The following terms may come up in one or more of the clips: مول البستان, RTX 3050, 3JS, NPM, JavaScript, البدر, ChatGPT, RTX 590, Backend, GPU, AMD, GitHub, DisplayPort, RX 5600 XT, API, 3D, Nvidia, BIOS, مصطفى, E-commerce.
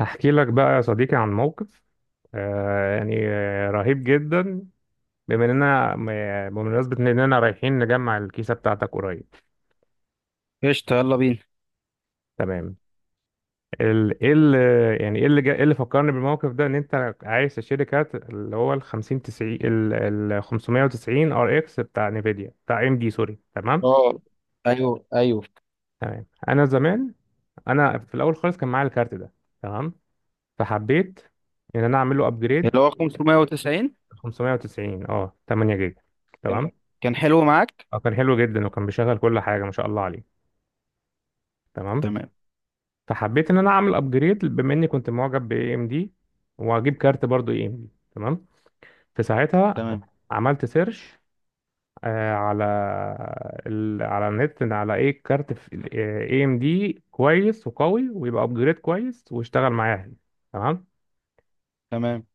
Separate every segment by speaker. Speaker 1: هحكي لك بقى يا صديقي عن موقف. رهيب جدا. بما اننا م- آه، بمناسبة اننا رايحين نجمع الكيسة بتاعتك قريب.
Speaker 2: قشطة، يلا بينا.
Speaker 1: تمام. ال- ايه اللي يعني ايه اللي جا- إيه اللي فكرني بالموقف ده ان انت عايز تشتري كارت اللي هو ال 50 90 ال 590 ار اكس بتاع نيفيديا بتاع ام دي. سوري. تمام.
Speaker 2: اه، ايوه، ايوه.
Speaker 1: تمام انا زمان، انا في الاول خالص كان معايا الكارت ده. تمام. فحبيت ان انا اعمل له ابجريد.
Speaker 2: اللي هو 590.
Speaker 1: 590، اه، 8 جيجا.
Speaker 2: كان
Speaker 1: تمام.
Speaker 2: كان حلو معاك.
Speaker 1: اه كان حلو جدا وكان بيشغل كل حاجه ما شاء الله عليه. تمام.
Speaker 2: تمام،
Speaker 1: فحبيت ان انا اعمل ابجريد بما اني كنت معجب باي ام دي، واجيب كارت برضو اي ام دي. تمام. في ساعتها
Speaker 2: تمام،
Speaker 1: عملت سيرش على على النت، إن على ايه كارت اي ام دي كويس وقوي ويبقى ابجريد كويس واشتغل معايا. تمام.
Speaker 2: تمام.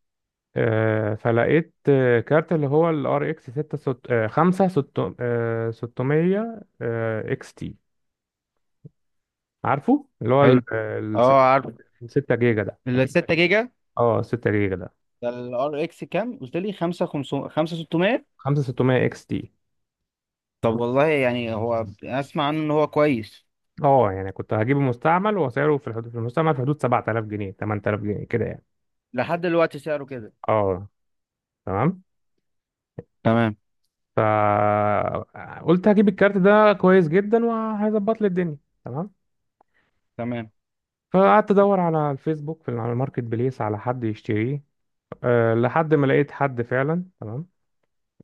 Speaker 1: فلقيت كارت اللي هو ال ار اكس 6 5 600 اكس تي، عارفه اللي هو
Speaker 2: حلو.
Speaker 1: ال
Speaker 2: اه، عارف.
Speaker 1: 6 جيجا ده،
Speaker 2: ال 6 جيجا
Speaker 1: اه، 6 جيجا ده.
Speaker 2: ده. الار اكس كام قلت لي؟ 5 500، 5 600؟
Speaker 1: 5600 اكس تي.
Speaker 2: طب والله، يعني هو اسمع عنه ان هو كويس.
Speaker 1: اه يعني كنت هجيبه مستعمل، وسعره في الحدود، في المستعمل في حدود 7000 جنيه، 8000 جنيه كده يعني.
Speaker 2: لحد دلوقتي سعره كده؟
Speaker 1: اه تمام.
Speaker 2: تمام،
Speaker 1: فقلت هجيب الكارت ده كويس جدا وهيظبط لي الدنيا. تمام.
Speaker 2: تمام،
Speaker 1: فقعدت ادور على الفيسبوك، في على الماركت بليس، على حد يشتريه. أه لحد ما لقيت حد فعلا. تمام.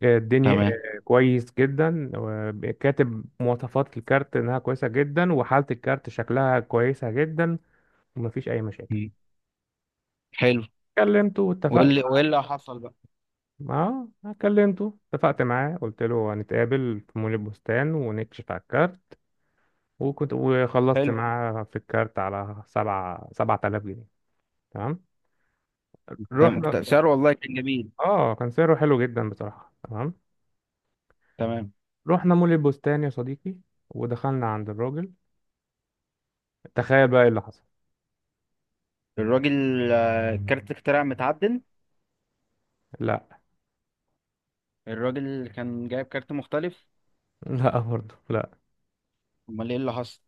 Speaker 1: الدنيا
Speaker 2: تمام.
Speaker 1: كويس جدا، وكاتب مواصفات الكارت انها كويسه جدا، وحاله الكارت شكلها كويسه جدا، ومفيش اي مشاكل.
Speaker 2: مم. حلو.
Speaker 1: كلمته
Speaker 2: وايه
Speaker 1: واتفقت
Speaker 2: اللي وايه اللي حصل بقى؟
Speaker 1: معاه. اه كلمته اتفقت معاه قلت له هنتقابل في مول البستان ونكشف على الكارت، وكنت وخلصت
Speaker 2: حلو.
Speaker 1: معاه في الكارت على سبعة سبعة آلاف جنيه. تمام.
Speaker 2: تمام،
Speaker 1: رحنا.
Speaker 2: سعره والله كان جميل.
Speaker 1: اه كان سعره حلو جدا بصراحة. تمام.
Speaker 2: تمام.
Speaker 1: رحنا مول البستان يا صديقي، ودخلنا عند الراجل. تخيل بقى ايه اللي حصل.
Speaker 2: الراجل، كارت اختراع متعدل؟
Speaker 1: لا.
Speaker 2: الراجل كان جايب كارت مختلف؟
Speaker 1: لا برضه لا.
Speaker 2: امال ايه اللي حصل؟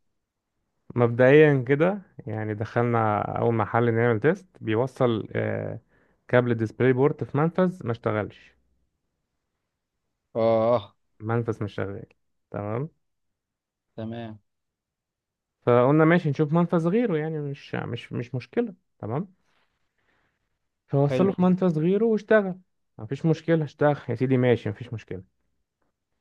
Speaker 1: مبدئيا كده يعني، دخلنا اول محل نعمل تيست. بيوصل كابل ديسبلاي بورت في منفذ ما اشتغلش.
Speaker 2: اه،
Speaker 1: منفذ مش شغال. تمام.
Speaker 2: تمام،
Speaker 1: فقلنا ماشي نشوف منفذ غيره يعني، مش مش مش مشكلة. تمام. فوصله
Speaker 2: حلو.
Speaker 1: في منفذ غيره واشتغل. مفيش مشكلة، اشتغل يا سيدي ماشي، مفيش مشكلة.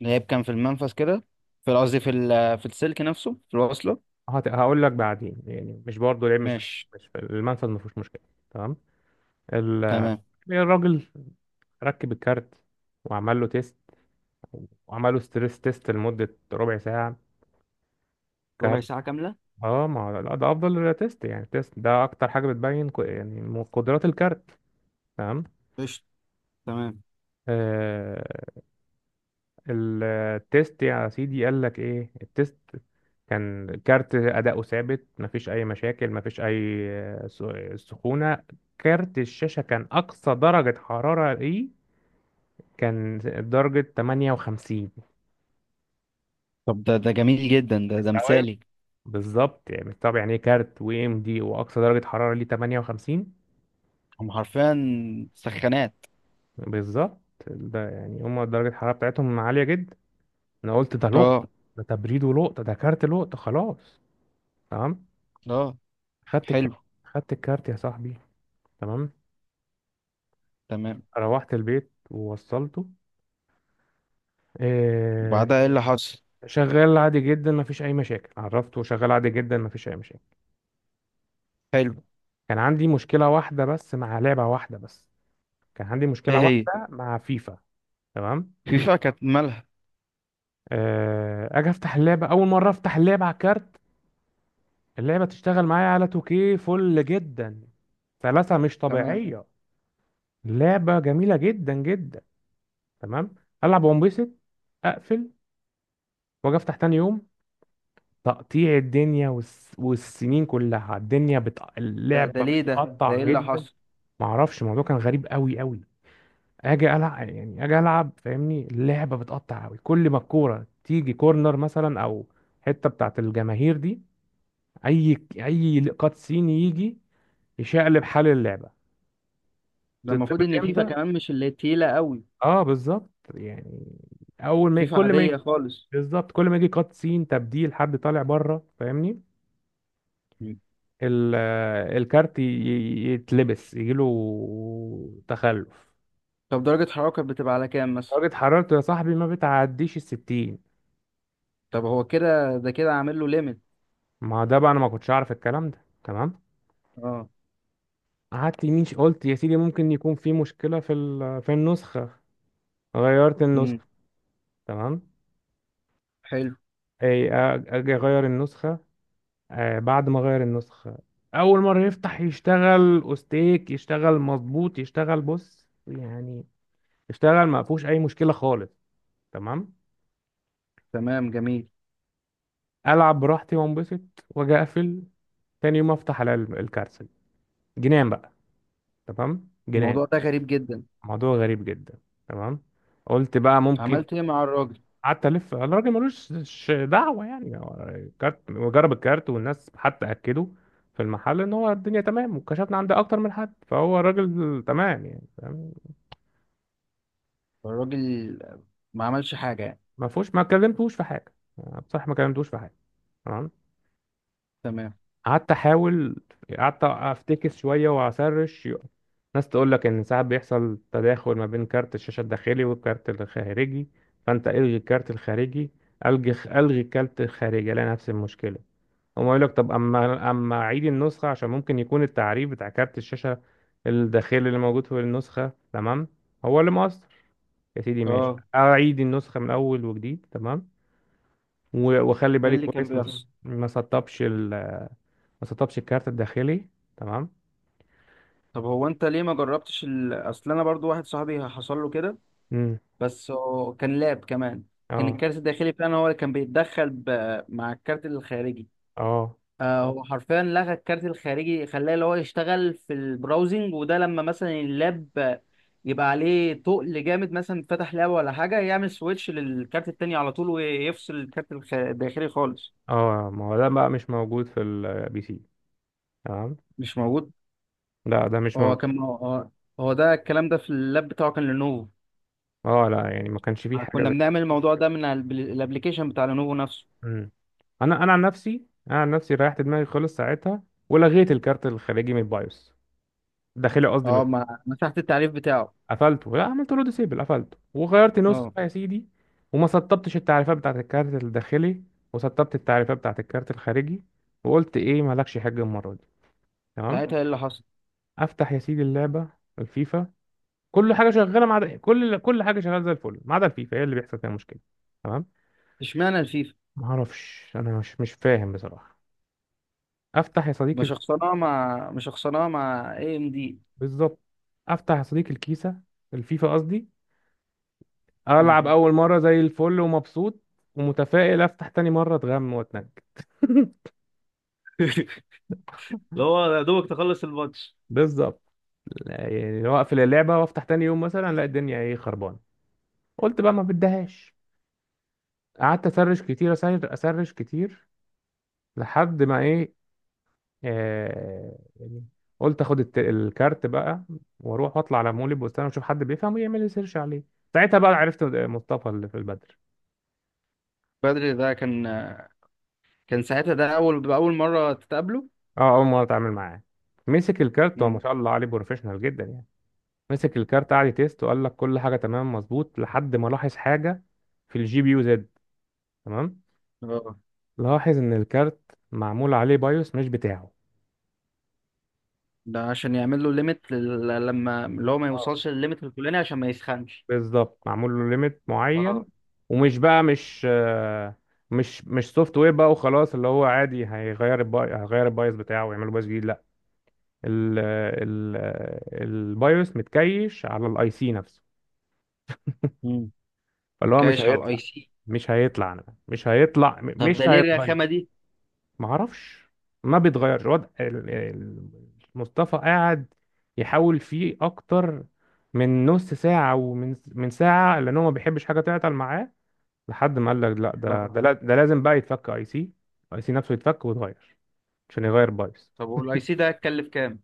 Speaker 2: اللي كان في المنفذ كده، في، قصدي، في السلك نفسه، في الوصله؟
Speaker 1: هقول لك بعدين يعني، مش برضه العيب،
Speaker 2: ماشي.
Speaker 1: مش في المنفذ، مفيش مشكلة. تمام. ال-
Speaker 2: تمام.
Speaker 1: الراجل ركب الكارت وعمل له تيست، وعملوا ستريس تيست لمدة ربع ساعة كارت.
Speaker 2: ربع ساعة كامله؟
Speaker 1: اه، ما لا ده افضل تيست يعني. تيست ده اكتر حاجة بتبين قدرات الكارت. تمام.
Speaker 2: قشطة، تمام.
Speaker 1: آه. التيست يا سيدي، قال لك ايه التيست. كان كارت اداؤه ثابت، مفيش اي مشاكل، مفيش اي سخونة. كارت الشاشة كان اقصى درجة حرارة ايه. كان درجة 58.
Speaker 2: طب، ده جميل جدا، ده
Speaker 1: مستوعب.
Speaker 2: مثالي.
Speaker 1: بالظبط يعني مستوعب يعني. ايه، كارت و ام دي واقصى درجة حرارة ليه 58؟
Speaker 2: هم حرفيا سخانات.
Speaker 1: بالظبط. ده يعني هما درجة الحرارة بتاعتهم عالية جدا. أنا قلت ده لقطة.
Speaker 2: اه،
Speaker 1: ده تبريد ولقطة، ده كارت لقطة خلاص. تمام.
Speaker 2: اه.
Speaker 1: خدت الكارت.
Speaker 2: حلو.
Speaker 1: يا صاحبي. تمام.
Speaker 2: تمام.
Speaker 1: روحت البيت ووصلته. إيه.
Speaker 2: وبعدها ايه اللي حصل؟
Speaker 1: شغال عادي جدا، مفيش أي مشاكل. عرفته شغال عادي جدا، مفيش أي مشاكل.
Speaker 2: حلو.
Speaker 1: كان عندي مشكلة واحدة بس مع لعبة واحدة بس. كان عندي
Speaker 2: ايه
Speaker 1: مشكلة
Speaker 2: هي؟
Speaker 1: واحدة مع فيفا. تمام.
Speaker 2: فيفا كانت مالها؟
Speaker 1: أجي أفتح اللعبة، أول مرة أفتح اللعبة على الكارت. اللعبة تشتغل معايا على 2K فل جدا. سلاسة مش
Speaker 2: تمام.
Speaker 1: طبيعية، لعبة جميلة جدا جدا. تمام. ألعب وانبسط. أقفل. وأجي أفتح تاني يوم، تقطيع الدنيا. والسنين كلها الدنيا
Speaker 2: ده
Speaker 1: اللعبة
Speaker 2: ليه؟ ده
Speaker 1: بتقطع
Speaker 2: ايه اللي
Speaker 1: جدا.
Speaker 2: حصل؟
Speaker 1: معرفش. الموضوع كان غريب أوي أوي. أجي ألعب فاهمني. اللعبة بتقطع أوي كل ما الكورة تيجي كورنر مثلا، أو حتة بتاعت الجماهير دي، أي كات سين يجي يشقلب حال اللعبة.
Speaker 2: ده المفروض
Speaker 1: تتظبط
Speaker 2: ان فيفا
Speaker 1: امتى.
Speaker 2: كمان مش اللي تقيله قوي.
Speaker 1: اه بالظبط يعني. اول ما
Speaker 2: فيفا
Speaker 1: كل ما،
Speaker 2: عاديه خالص.
Speaker 1: بالظبط كل ما يجي كات سين، تبديل حد طالع بره فاهمني،
Speaker 2: مم.
Speaker 1: ال... آه، الكارت يتلبس يجيله تخلف.
Speaker 2: طب، درجه حرارة كانت بتبقى على كام مثلا؟
Speaker 1: درجة حرارته يا صاحبي ما بتعديش الستين.
Speaker 2: طب هو كده، ده كده عامل له ليميت؟
Speaker 1: ما ده بقى انا ما كنتش اعرف الكلام ده. تمام.
Speaker 2: اه.
Speaker 1: قلت يا سيدي ممكن يكون في مشكلة في في النسخة. غيرت
Speaker 2: امم.
Speaker 1: النسخة. تمام.
Speaker 2: حلو.
Speaker 1: اجي اغير النسخة. بعد ما غير النسخة، أول مرة يفتح يشتغل أوستيك، يشتغل مظبوط، يشتغل بص يعني. يشتغل ما فيهوش أي مشكلة خالص. تمام.
Speaker 2: تمام، جميل.
Speaker 1: ألعب براحتي وأنبسط. وأجي أقفل. تاني يوم أفتح على الكارسل. جنان بقى. تمام جنان.
Speaker 2: الموضوع ده غريب جدا.
Speaker 1: موضوع غريب جدا. تمام. قلت بقى ممكن.
Speaker 2: عملت ايه مع الراجل؟
Speaker 1: قعدت ألف الراجل، ملوش دعوة يعني. هو الكارت وجرب الكارت، والناس حتى أكدوا في المحل إن هو الدنيا تمام، وكشفنا عند أكتر من حد، فهو الراجل تمام يعني، فاهم؟
Speaker 2: الراجل ما عملش حاجه يعني؟
Speaker 1: ما فيهوش، ما كلمتوش في حاجه يعني. بصراحه ما كلمتوش في حاجه. تمام.
Speaker 2: تمام.
Speaker 1: قعدت احاول. قعدت افتكس شويه واسرش. ناس تقول لك ان ساعات بيحصل تداخل ما بين كارت الشاشه الداخلي والكارت الخارجي، فانت الغي الكارت الخارجي. الغي الكارت الخارجي، الاقي نفس المشكله. هم يقول لك طب اما اعيد النسخه، عشان ممكن يكون التعريف بتاع كارت الشاشه الداخلي اللي موجود في النسخه، تمام، هو اللي مقصر. يا سيدي ماشي،
Speaker 2: اه،
Speaker 1: اعيد النسخه من اول وجديد. تمام. واخلي
Speaker 2: ايه
Speaker 1: بالي
Speaker 2: اللي كان
Speaker 1: كويس ما
Speaker 2: بيحصل؟
Speaker 1: ما سطبش ما سطبش الكارت الداخلي. تمام.
Speaker 2: طب هو انت ليه ما جربتش اصل انا برضو واحد صاحبي حصل له كده.
Speaker 1: امم.
Speaker 2: بس هو كان لاب كمان. كان
Speaker 1: اه.
Speaker 2: الكارت الداخلي فعلا هو اللي كان بيتدخل مع الكارت الخارجي.
Speaker 1: اه.
Speaker 2: هو حرفيا لغى الكارت الخارجي، خلاه اللي هو يشتغل في البراوزنج، وده لما مثلا اللاب يبقى عليه تقل جامد، مثلا فتح لاب ولا حاجة، يعمل سويتش للكارت التاني على طول ويفصل الكارت الداخلي خالص.
Speaker 1: اه، ما هو ده بقى مش موجود في البي سي. تمام.
Speaker 2: مش موجود.
Speaker 1: لا ده مش
Speaker 2: هو
Speaker 1: موجود.
Speaker 2: كان هو هو ده الكلام ده في اللاب بتاعه كان لينوفو.
Speaker 1: اه لا، يعني ما كانش فيه حاجه
Speaker 2: كنا
Speaker 1: زي.
Speaker 2: بنعمل الموضوع ده من الابلكيشن بتاع لينوفو نفسه.
Speaker 1: امم. انا عن نفسي، ريحت دماغي خالص ساعتها، ولغيت الكارت الخارجي من البايوس. الداخلي قصدي.
Speaker 2: اه، مسحت التعريف بتاعه؟
Speaker 1: قفلته. لا، عملت له ديسيبل. قفلته وغيرت نسخة
Speaker 2: اه.
Speaker 1: يا سيدي، وما سطبتش التعريفات بتاعت الكارت الداخلي، وسطبت التعريفات بتاعت الكارت الخارجي. وقلت ايه، مالكش حاجة المرة دي. تمام.
Speaker 2: ساعتها ايه اللي حصل؟
Speaker 1: افتح يا سيدي اللعبة، الفيفا. كل حاجة شغالة ما عدا، كل حاجة شغالة زي الفل ما عدا الفيفا، هي اللي بيحصل فيها مشكلة. تمام.
Speaker 2: اشمعنى الفيفا؟
Speaker 1: ما اعرفش، انا مش فاهم بصراحة. افتح يا صديقي ال-
Speaker 2: مش خسرناها مع اي ام دي؟
Speaker 1: بالظبط. افتح يا صديقي الكيسة، الفيفا قصدي. العب اول مرة زي الفل ومبسوط ومتفائل، افتح تاني مرة اتغم واتنك.
Speaker 2: اللي هو يا دوبك تخلص الماتش.
Speaker 1: بالظبط يعني. واقفل اللعبه وافتح تاني يوم مثلا، الاقي الدنيا ايه خربانه. قلت بقى ما بدهاش. قعدت اسرش كتير، اسرش كتير، لحد ما ايه. آه يعني قلت اخد الكارت بقى واروح واطلع على مول البستان واشوف حد بيفهم ويعمل لي سيرش عليه. ساعتها بقى عرفت مصطفى اللي في البدر.
Speaker 2: بدري ده كان ساعتها ده اول باول مره تتقابله؟
Speaker 1: اه اول مره اتعامل معاه. مسك الكارت، هو ما
Speaker 2: مم.
Speaker 1: شاء الله عليه بروفيشنال جدا يعني. مسك الكارت، قعد يتيست وقال لك كل حاجه تمام مظبوط، لحد ما لاحظ حاجه في الجي بي يو زد. تمام.
Speaker 2: اه،
Speaker 1: لاحظ إن الكارت معمول عليه بايوس مش بتاعه.
Speaker 2: ده عشان يعمل له ليميت لما اللي هو ما
Speaker 1: اه
Speaker 2: يوصلش للليميت الفلاني عشان ما يسخنش.
Speaker 1: بالظبط، معمول له ليميت معين.
Speaker 2: اه،
Speaker 1: ومش بقى مش آه، مش مش سوفت وير بقى وخلاص، اللي هو عادي هيغير هيغير البايوس بتاعه ويعمل بايوس جديد. لا. ال ال البايوس متكيش على الاي سي نفسه.
Speaker 2: امم.
Speaker 1: فاللي هو
Speaker 2: متكايش على الاي سي.
Speaker 1: مش هيطلع مش هيطلع
Speaker 2: طب ده
Speaker 1: مش
Speaker 2: ليه
Speaker 1: هيتغير.
Speaker 2: الرخامه دي؟
Speaker 1: معرفش. ما بيتغيرش وضع مصطفى قاعد يحاول فيه اكتر من نص ساعة، ومن ساعة، لان هو ما بيحبش حاجة تعطل معاه. لحد ما قال لك لا،
Speaker 2: اه،
Speaker 1: ده لازم بقى يتفك اي سي. اي سي نفسه يتفك ويتغير عشان يغير بايظ.
Speaker 2: طب والاي سي ده هيتكلف كام؟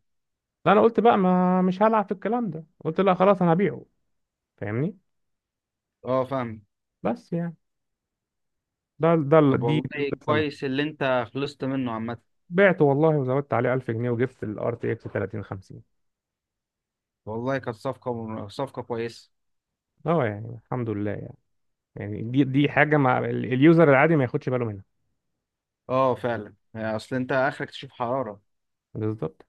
Speaker 1: فانا قلت بقى ما مش هلعب في الكلام ده. قلت لا خلاص انا هبيعه فاهمني.
Speaker 2: اه، فاهم.
Speaker 1: بس يعني ده ده
Speaker 2: طب
Speaker 1: دي دي
Speaker 2: والله،
Speaker 1: القصة
Speaker 2: كويس اللي انت خلصت منه عامه.
Speaker 1: بعته والله، وزودت عليه 1000 جنيه وجبت ال RTX 3050.
Speaker 2: والله كانت صفقه كويسه.
Speaker 1: اه يعني الحمد لله يعني. يعني دي حاجة مع اليوزر العادي ما ياخدش باله منها.
Speaker 2: اه، فعلا، يعني اصل انت اخرك تشوف حراره.
Speaker 1: بالظبط.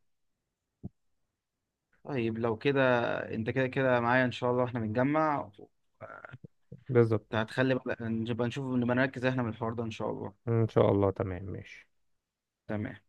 Speaker 2: طيب لو كده، انت كده كده معايا ان شاء الله، احنا بنتجمع.
Speaker 1: بالظبط.
Speaker 2: هتخلي بقى نبقى نشوف، نبقى نركز احنا من الحوار ده ان شاء الله.
Speaker 1: إن شاء الله، تمام ماشي.
Speaker 2: تمام.